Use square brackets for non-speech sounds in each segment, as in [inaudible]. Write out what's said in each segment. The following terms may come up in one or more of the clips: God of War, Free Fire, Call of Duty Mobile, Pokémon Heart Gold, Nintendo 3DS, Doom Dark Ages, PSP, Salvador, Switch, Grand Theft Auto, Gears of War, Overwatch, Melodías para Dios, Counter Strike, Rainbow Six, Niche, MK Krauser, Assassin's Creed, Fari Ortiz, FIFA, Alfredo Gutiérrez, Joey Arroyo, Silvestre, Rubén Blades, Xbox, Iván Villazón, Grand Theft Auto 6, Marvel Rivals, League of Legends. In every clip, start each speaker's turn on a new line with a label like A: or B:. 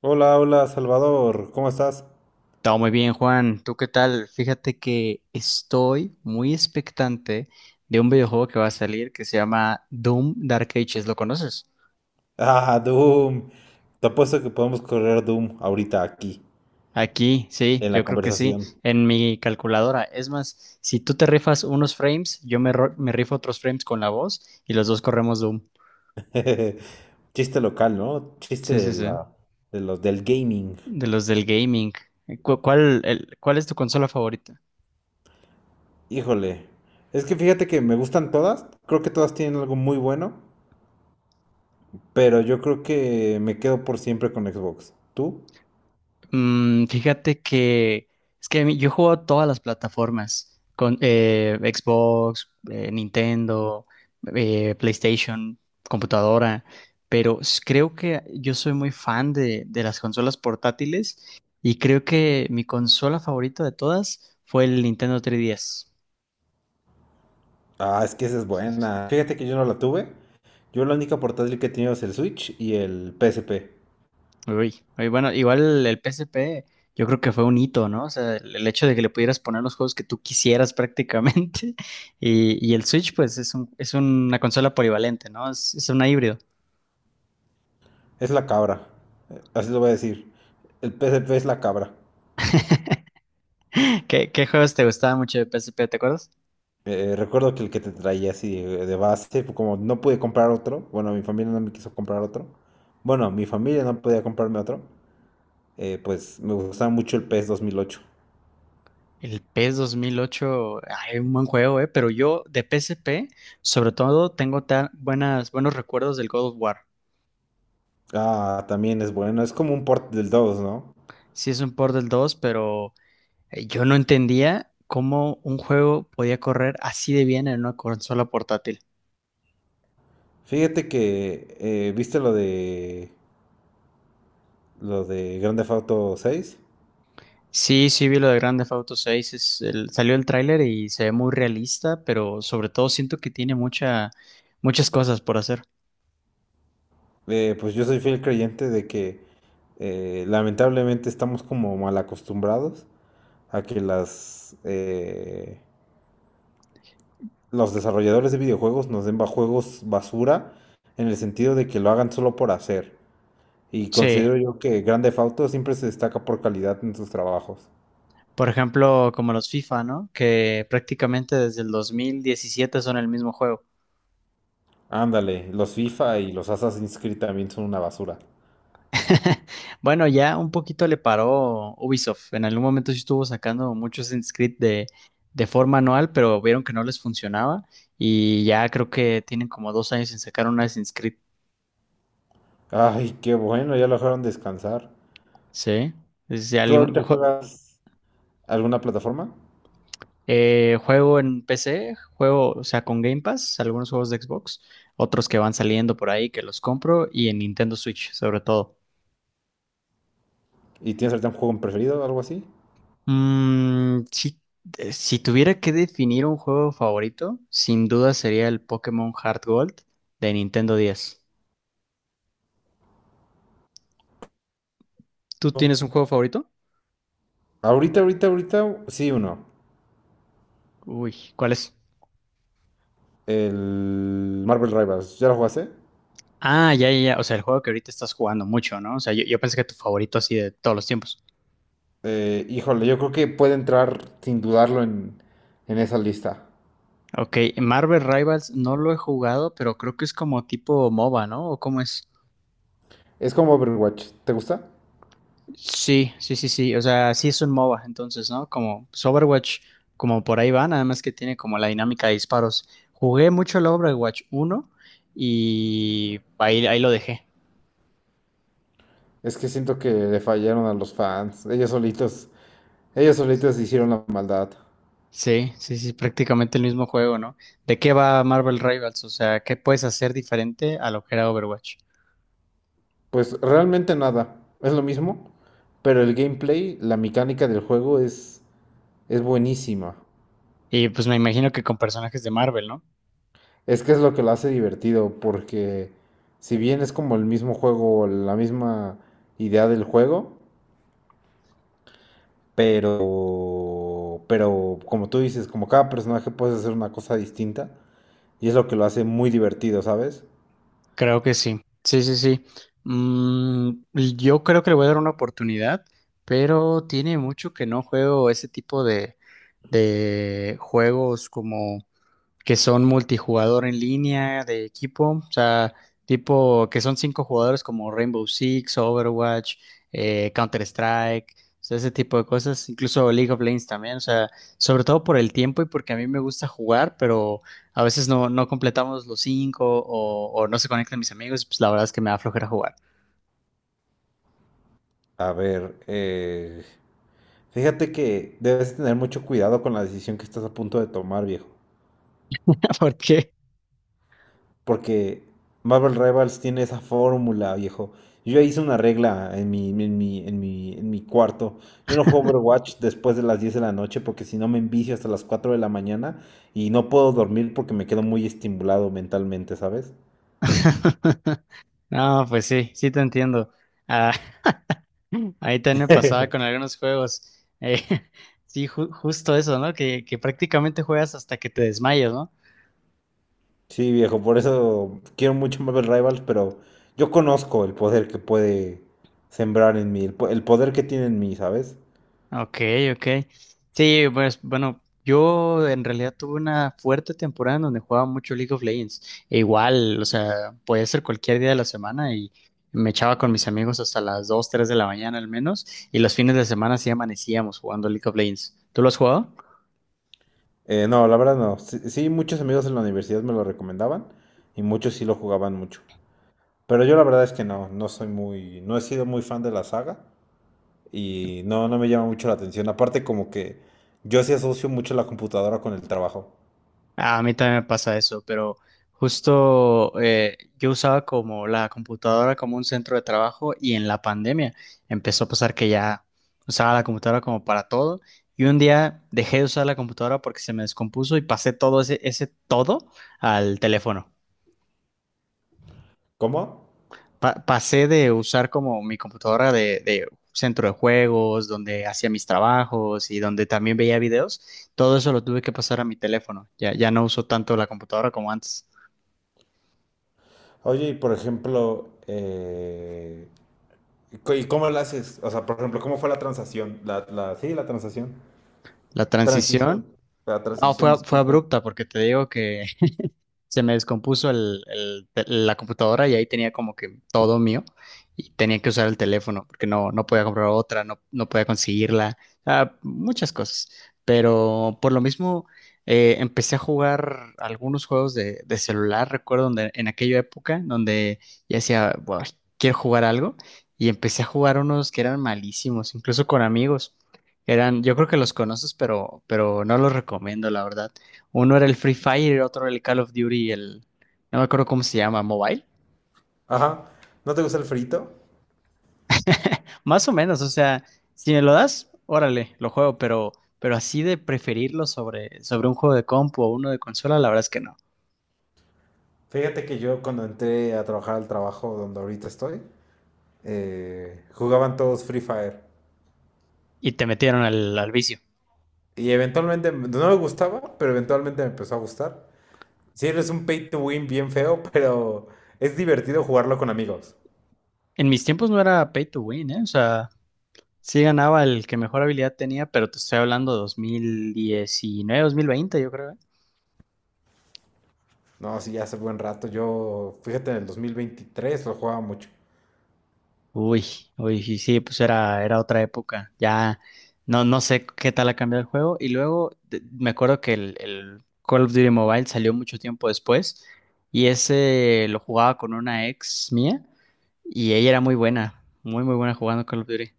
A: Hola, hola, Salvador, ¿cómo estás?
B: Todo muy bien, Juan. ¿Tú qué tal? Fíjate que estoy muy expectante de un videojuego que va a salir que se llama Doom Dark Ages. ¿Lo conoces?
A: [laughs] Ah, Doom. Te apuesto que podemos correr Doom ahorita aquí,
B: Aquí, sí,
A: en
B: yo
A: la
B: creo que sí,
A: conversación.
B: en mi calculadora. Es más, si tú te rifas unos frames, me rifo otros frames con la voz y los dos corremos Doom.
A: [laughs] Chiste local, ¿no? Chiste
B: Sí, sí,
A: de
B: sí.
A: la, de los, del gaming.
B: De los del gaming. ¿Cuál es tu consola favorita?
A: Híjole. Es que fíjate que me gustan todas. Creo que todas tienen algo muy bueno. Pero yo creo que me quedo por siempre con Xbox. ¿Tú?
B: Fíjate que es que a mí- yo juego todas las plataformas, con Xbox, Nintendo, PlayStation, computadora, creo que yo soy muy fan de las consolas portátiles y creo que mi consola favorita de todas fue el Nintendo 3DS.
A: Ah, es que esa es buena. Fíjate que yo no la tuve. Yo la única portátil que he tenido es el Switch y el PSP.
B: Uy, uy, bueno, igual el PSP, yo creo que fue un hito, ¿no? O sea, el hecho de que le pudieras poner los juegos que tú quisieras prácticamente. [laughs] Y el Switch, pues es una consola polivalente, ¿no? Es una híbrido.
A: Es la cabra. Así lo voy a decir. El PSP es la cabra.
B: ¿Qué juegos te gustaban mucho de PSP, te acuerdas?
A: Recuerdo que el que te traía así de base, pues, como no pude comprar otro, bueno, mi familia no me quiso comprar otro. Bueno, mi familia no podía comprarme otro. Pues me gustaba mucho el PS 2008.
B: El PES 2008, ay, un buen juego, ¿eh? Pero yo de PSP, sobre todo, tengo buenos recuerdos del God of War.
A: Ah, también es bueno. Es como un port del dos, ¿no?
B: Sí es un port del 2, pero yo no entendía cómo un juego podía correr así de bien en una consola portátil.
A: Fíjate que, ¿viste lo de Grand Theft Auto 6?
B: Sí, sí vi lo de Grand Theft Auto 6, salió el tráiler y se ve muy realista, pero sobre todo siento que tiene muchas cosas por hacer.
A: Pues yo soy fiel creyente de que lamentablemente estamos como mal acostumbrados a que los desarrolladores de videojuegos nos den juegos basura, en el sentido de que lo hagan solo por hacer. Y
B: Sí,
A: considero yo que Grand Theft Auto siempre se destaca por calidad en sus trabajos.
B: por ejemplo, como los FIFA, ¿no? Que prácticamente desde el 2017 son el mismo juego.
A: Ándale, los FIFA y los Assassin's Creed también son una basura.
B: [laughs] Bueno, ya un poquito le paró Ubisoft. En algún momento sí estuvo sacando muchos Assassin's Creed de forma anual, pero vieron que no les funcionaba y ya creo que tienen como 2 años sin sacar un Assassin's Creed.
A: Ay, qué bueno, ya lo dejaron descansar.
B: Sí. es ya
A: ¿Tú
B: algún
A: ahorita
B: ju-
A: juegas alguna plataforma?
B: Juego en PC, juego, o sea, con Game Pass, algunos juegos de Xbox, otros que van saliendo por ahí que los compro y en Nintendo Switch sobre todo.
A: ¿Y tienes ahorita un juego preferido o algo así?
B: Mm, si, si tuviera que definir un juego favorito, sin duda sería el Pokémon Heart Gold de Nintendo 10. ¿Tú tienes un juego favorito?
A: Ahorita, ahorita, ahorita, sí, uno.
B: Uy, ¿cuál es?
A: El Marvel Rivals, ¿ya lo jugaste?
B: Ah, ya, ya, ya. O sea, el juego que ahorita estás jugando mucho, ¿no? O sea, yo pensé que tu favorito así de todos los tiempos.
A: Híjole, yo creo que puede entrar sin dudarlo en esa lista.
B: Ok, Marvel Rivals no lo he jugado, pero creo que es como tipo MOBA, ¿no? ¿O cómo es?
A: Es como Overwatch, ¿te gusta?
B: Sí, sí, sí, sí. O sea, sí es un MOBA, entonces, ¿no? Como pues, Overwatch, como por ahí va, nada más que tiene como la dinámica de disparos. Jugué mucho el Overwatch uno y ahí lo dejé.
A: Es que siento que le fallaron a los fans. Ellos solitos hicieron la maldad.
B: Sí, sí, sí, prácticamente el mismo juego, ¿no? ¿De qué va Marvel Rivals? O sea, ¿qué puedes hacer diferente a lo que era Overwatch?
A: Pues realmente nada, es lo mismo, pero el gameplay, la mecánica del juego es buenísima.
B: Y pues me imagino que con personajes de Marvel, ¿no?
A: Es que es lo que lo hace divertido, porque si bien es como el mismo juego, la misma idea del juego, pero como tú dices, como cada personaje puede hacer una cosa distinta y es lo que lo hace muy divertido, ¿sabes?
B: Creo que sí. Sí, sí, sí. Mm, yo creo que le voy a dar una oportunidad, pero tiene mucho que no juego ese tipo de juegos como que son multijugador en línea de equipo, o sea, tipo que son cinco jugadores como Rainbow Six, Overwatch, Counter Strike, ese tipo de cosas, incluso League of Legends también, o sea, sobre todo por el tiempo y porque a mí me gusta jugar, pero a veces no, no completamos los cinco o no se conectan mis amigos, pues la verdad es que me da flojera jugar.
A: A ver, fíjate que debes tener mucho cuidado con la decisión que estás a punto de tomar, viejo,
B: [laughs] ¿Por qué?
A: porque Marvel Rivals tiene esa fórmula, viejo. Yo ya hice una regla en mi cuarto. Yo no juego Overwatch después de las 10 de la noche porque si no me envicio hasta las 4 de la mañana y no puedo dormir porque me quedo muy estimulado mentalmente, ¿sabes?
B: [laughs] No, pues sí, sí te entiendo. Ah, [laughs] [laughs] Ahí también me pasaba con
A: [laughs]
B: algunos juegos. [laughs] Sí, justo eso, ¿no? Que prácticamente juegas hasta que te desmayas, ¿no?
A: Sí, viejo, por eso quiero mucho Marvel Rivals, pero yo conozco el poder que puede sembrar en mí, el poder que tiene en mí, ¿sabes?
B: Ok, ok. Sí, pues bueno, yo en realidad tuve una fuerte temporada en donde jugaba mucho League of Legends. E igual, o sea, podía ser cualquier día de la semana y me echaba con mis amigos hasta las 2, 3 de la mañana al menos. Y los fines de semana sí amanecíamos jugando League of Legends. ¿Tú lo has jugado?
A: No, la verdad no. Sí, sí, muchos amigos en la universidad me lo recomendaban y muchos sí lo jugaban mucho. Pero yo la verdad es que no, no soy muy, no he sido muy fan de la saga y no, no me llama mucho la atención. Aparte como que yo sí asocio mucho la computadora con el trabajo.
B: A mí también me pasa eso, pero justo yo usaba como la computadora como un centro de trabajo y en la pandemia empezó a pasar que ya usaba la computadora como para todo y un día dejé de usar la computadora porque se me descompuso y pasé todo ese todo al teléfono.
A: ¿Cómo?
B: Pasé de usar como mi computadora de centro de juegos, donde hacía mis trabajos y donde también veía videos, todo eso lo tuve que pasar a mi teléfono. Ya, ya no uso tanto la computadora como antes.
A: Oye, y por ejemplo, ¿y cómo lo haces? O sea, por ejemplo, ¿cómo fue la transacción? Sí, la transacción.
B: La transición,
A: Transición. La
B: no,
A: transición,
B: fue, fue
A: disculpa.
B: abrupta porque te digo que se me descompuso la computadora y ahí tenía como que todo mío y tenía que usar el teléfono porque no, no podía comprar otra, no, no podía conseguirla, ah, muchas cosas. Pero por lo mismo empecé a jugar algunos juegos de celular, recuerdo donde, en aquella época donde ya decía: "Buah, quiero jugar algo" y empecé a jugar unos que eran malísimos, incluso con amigos. Eran, yo creo que los conoces, pero no los recomiendo, la verdad. Uno era el Free Fire, el otro era el Call of Duty, el... No me acuerdo cómo se llama, Mobile.
A: Ajá. ¿No te gusta el frito?
B: [laughs] Más o menos, o sea, si me lo das, órale, lo juego, pero así de preferirlo sobre, sobre un juego de compu o uno de consola, la verdad es que no.
A: Fíjate que yo cuando entré a trabajar al trabajo donde ahorita estoy, jugaban todos Free Fire.
B: Y te metieron al vicio.
A: Y eventualmente, no me gustaba, pero eventualmente me empezó a gustar. Sí, es un pay to win bien feo, [laughs] pero es divertido jugarlo con amigos.
B: En mis tiempos no era pay to win, ¿eh? O sea, sí ganaba el que mejor habilidad tenía, pero te estoy hablando de 2019, 2020, yo creo, ¿eh?
A: No, sí, ya hace buen rato. Yo, fíjate, en el 2023 lo jugaba mucho.
B: Uy, uy, sí, sí, pues era, era otra época. Ya no, no sé qué tal ha cambiado el juego. Y luego me acuerdo que el Call of Duty Mobile salió mucho tiempo después. Y ese lo jugaba con una ex mía. Y ella era muy buena, muy, muy buena jugando Call of Duty.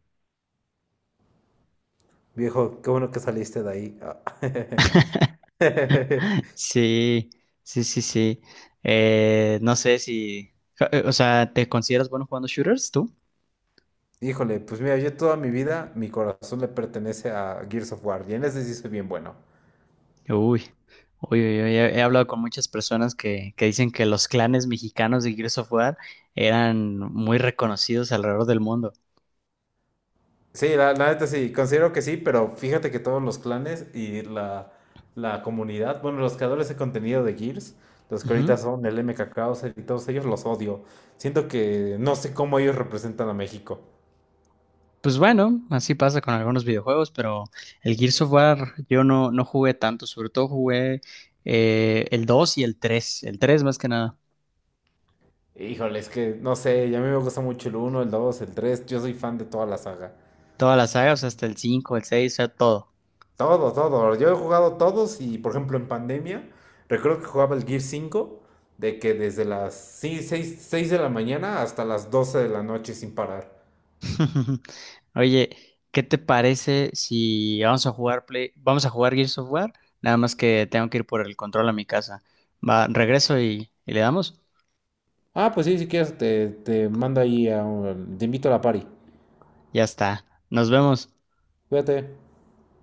A: Viejo, qué bueno que saliste de ahí. [laughs] [laughs]
B: Sí, sí, sí, sí. No sé si. ja- O sea, ¿te consideras bueno jugando shooters tú?
A: Híjole, pues mira, yo toda mi vida, mi corazón le pertenece a Gears of War, y en ese sí soy bien bueno.
B: Uy, uy, uy, uy, he hablado con muchas personas que dicen que los clanes mexicanos de Gears of War eran muy reconocidos alrededor del mundo.
A: Sí, la neta sí, considero que sí, pero fíjate que todos los clanes y la comunidad, bueno, los creadores de contenido de Gears, los que ahorita
B: Ujú.
A: son el MK Krauser y todos ellos, los odio. Siento que no sé cómo ellos representan a México.
B: Pues bueno, así pasa con algunos videojuegos, pero el Gears of War yo no, no jugué tanto, sobre todo jugué el 2 y el 3 más que nada,
A: Híjole, es que no sé, y a mí me gusta mucho el uno, el 2, el 3. Yo soy fan de toda la saga.
B: toda la saga, o sea, hasta el 5, el 6, o sea, todo.
A: Todo, todo. Yo he jugado todos y, por ejemplo, en pandemia, recuerdo que jugaba el Gear 5 de que desde las seis de la mañana hasta las 12 de la noche sin parar.
B: [laughs] Oye, ¿qué te parece si vamos a jugar Play, vamos a jugar Gears of War? Nada más que tengo que ir por el control a mi casa. Va, regreso y le damos.
A: Ah, pues sí, si quieres, te mando ahí, te invito a la party.
B: Ya está. Nos vemos.
A: Cuídate.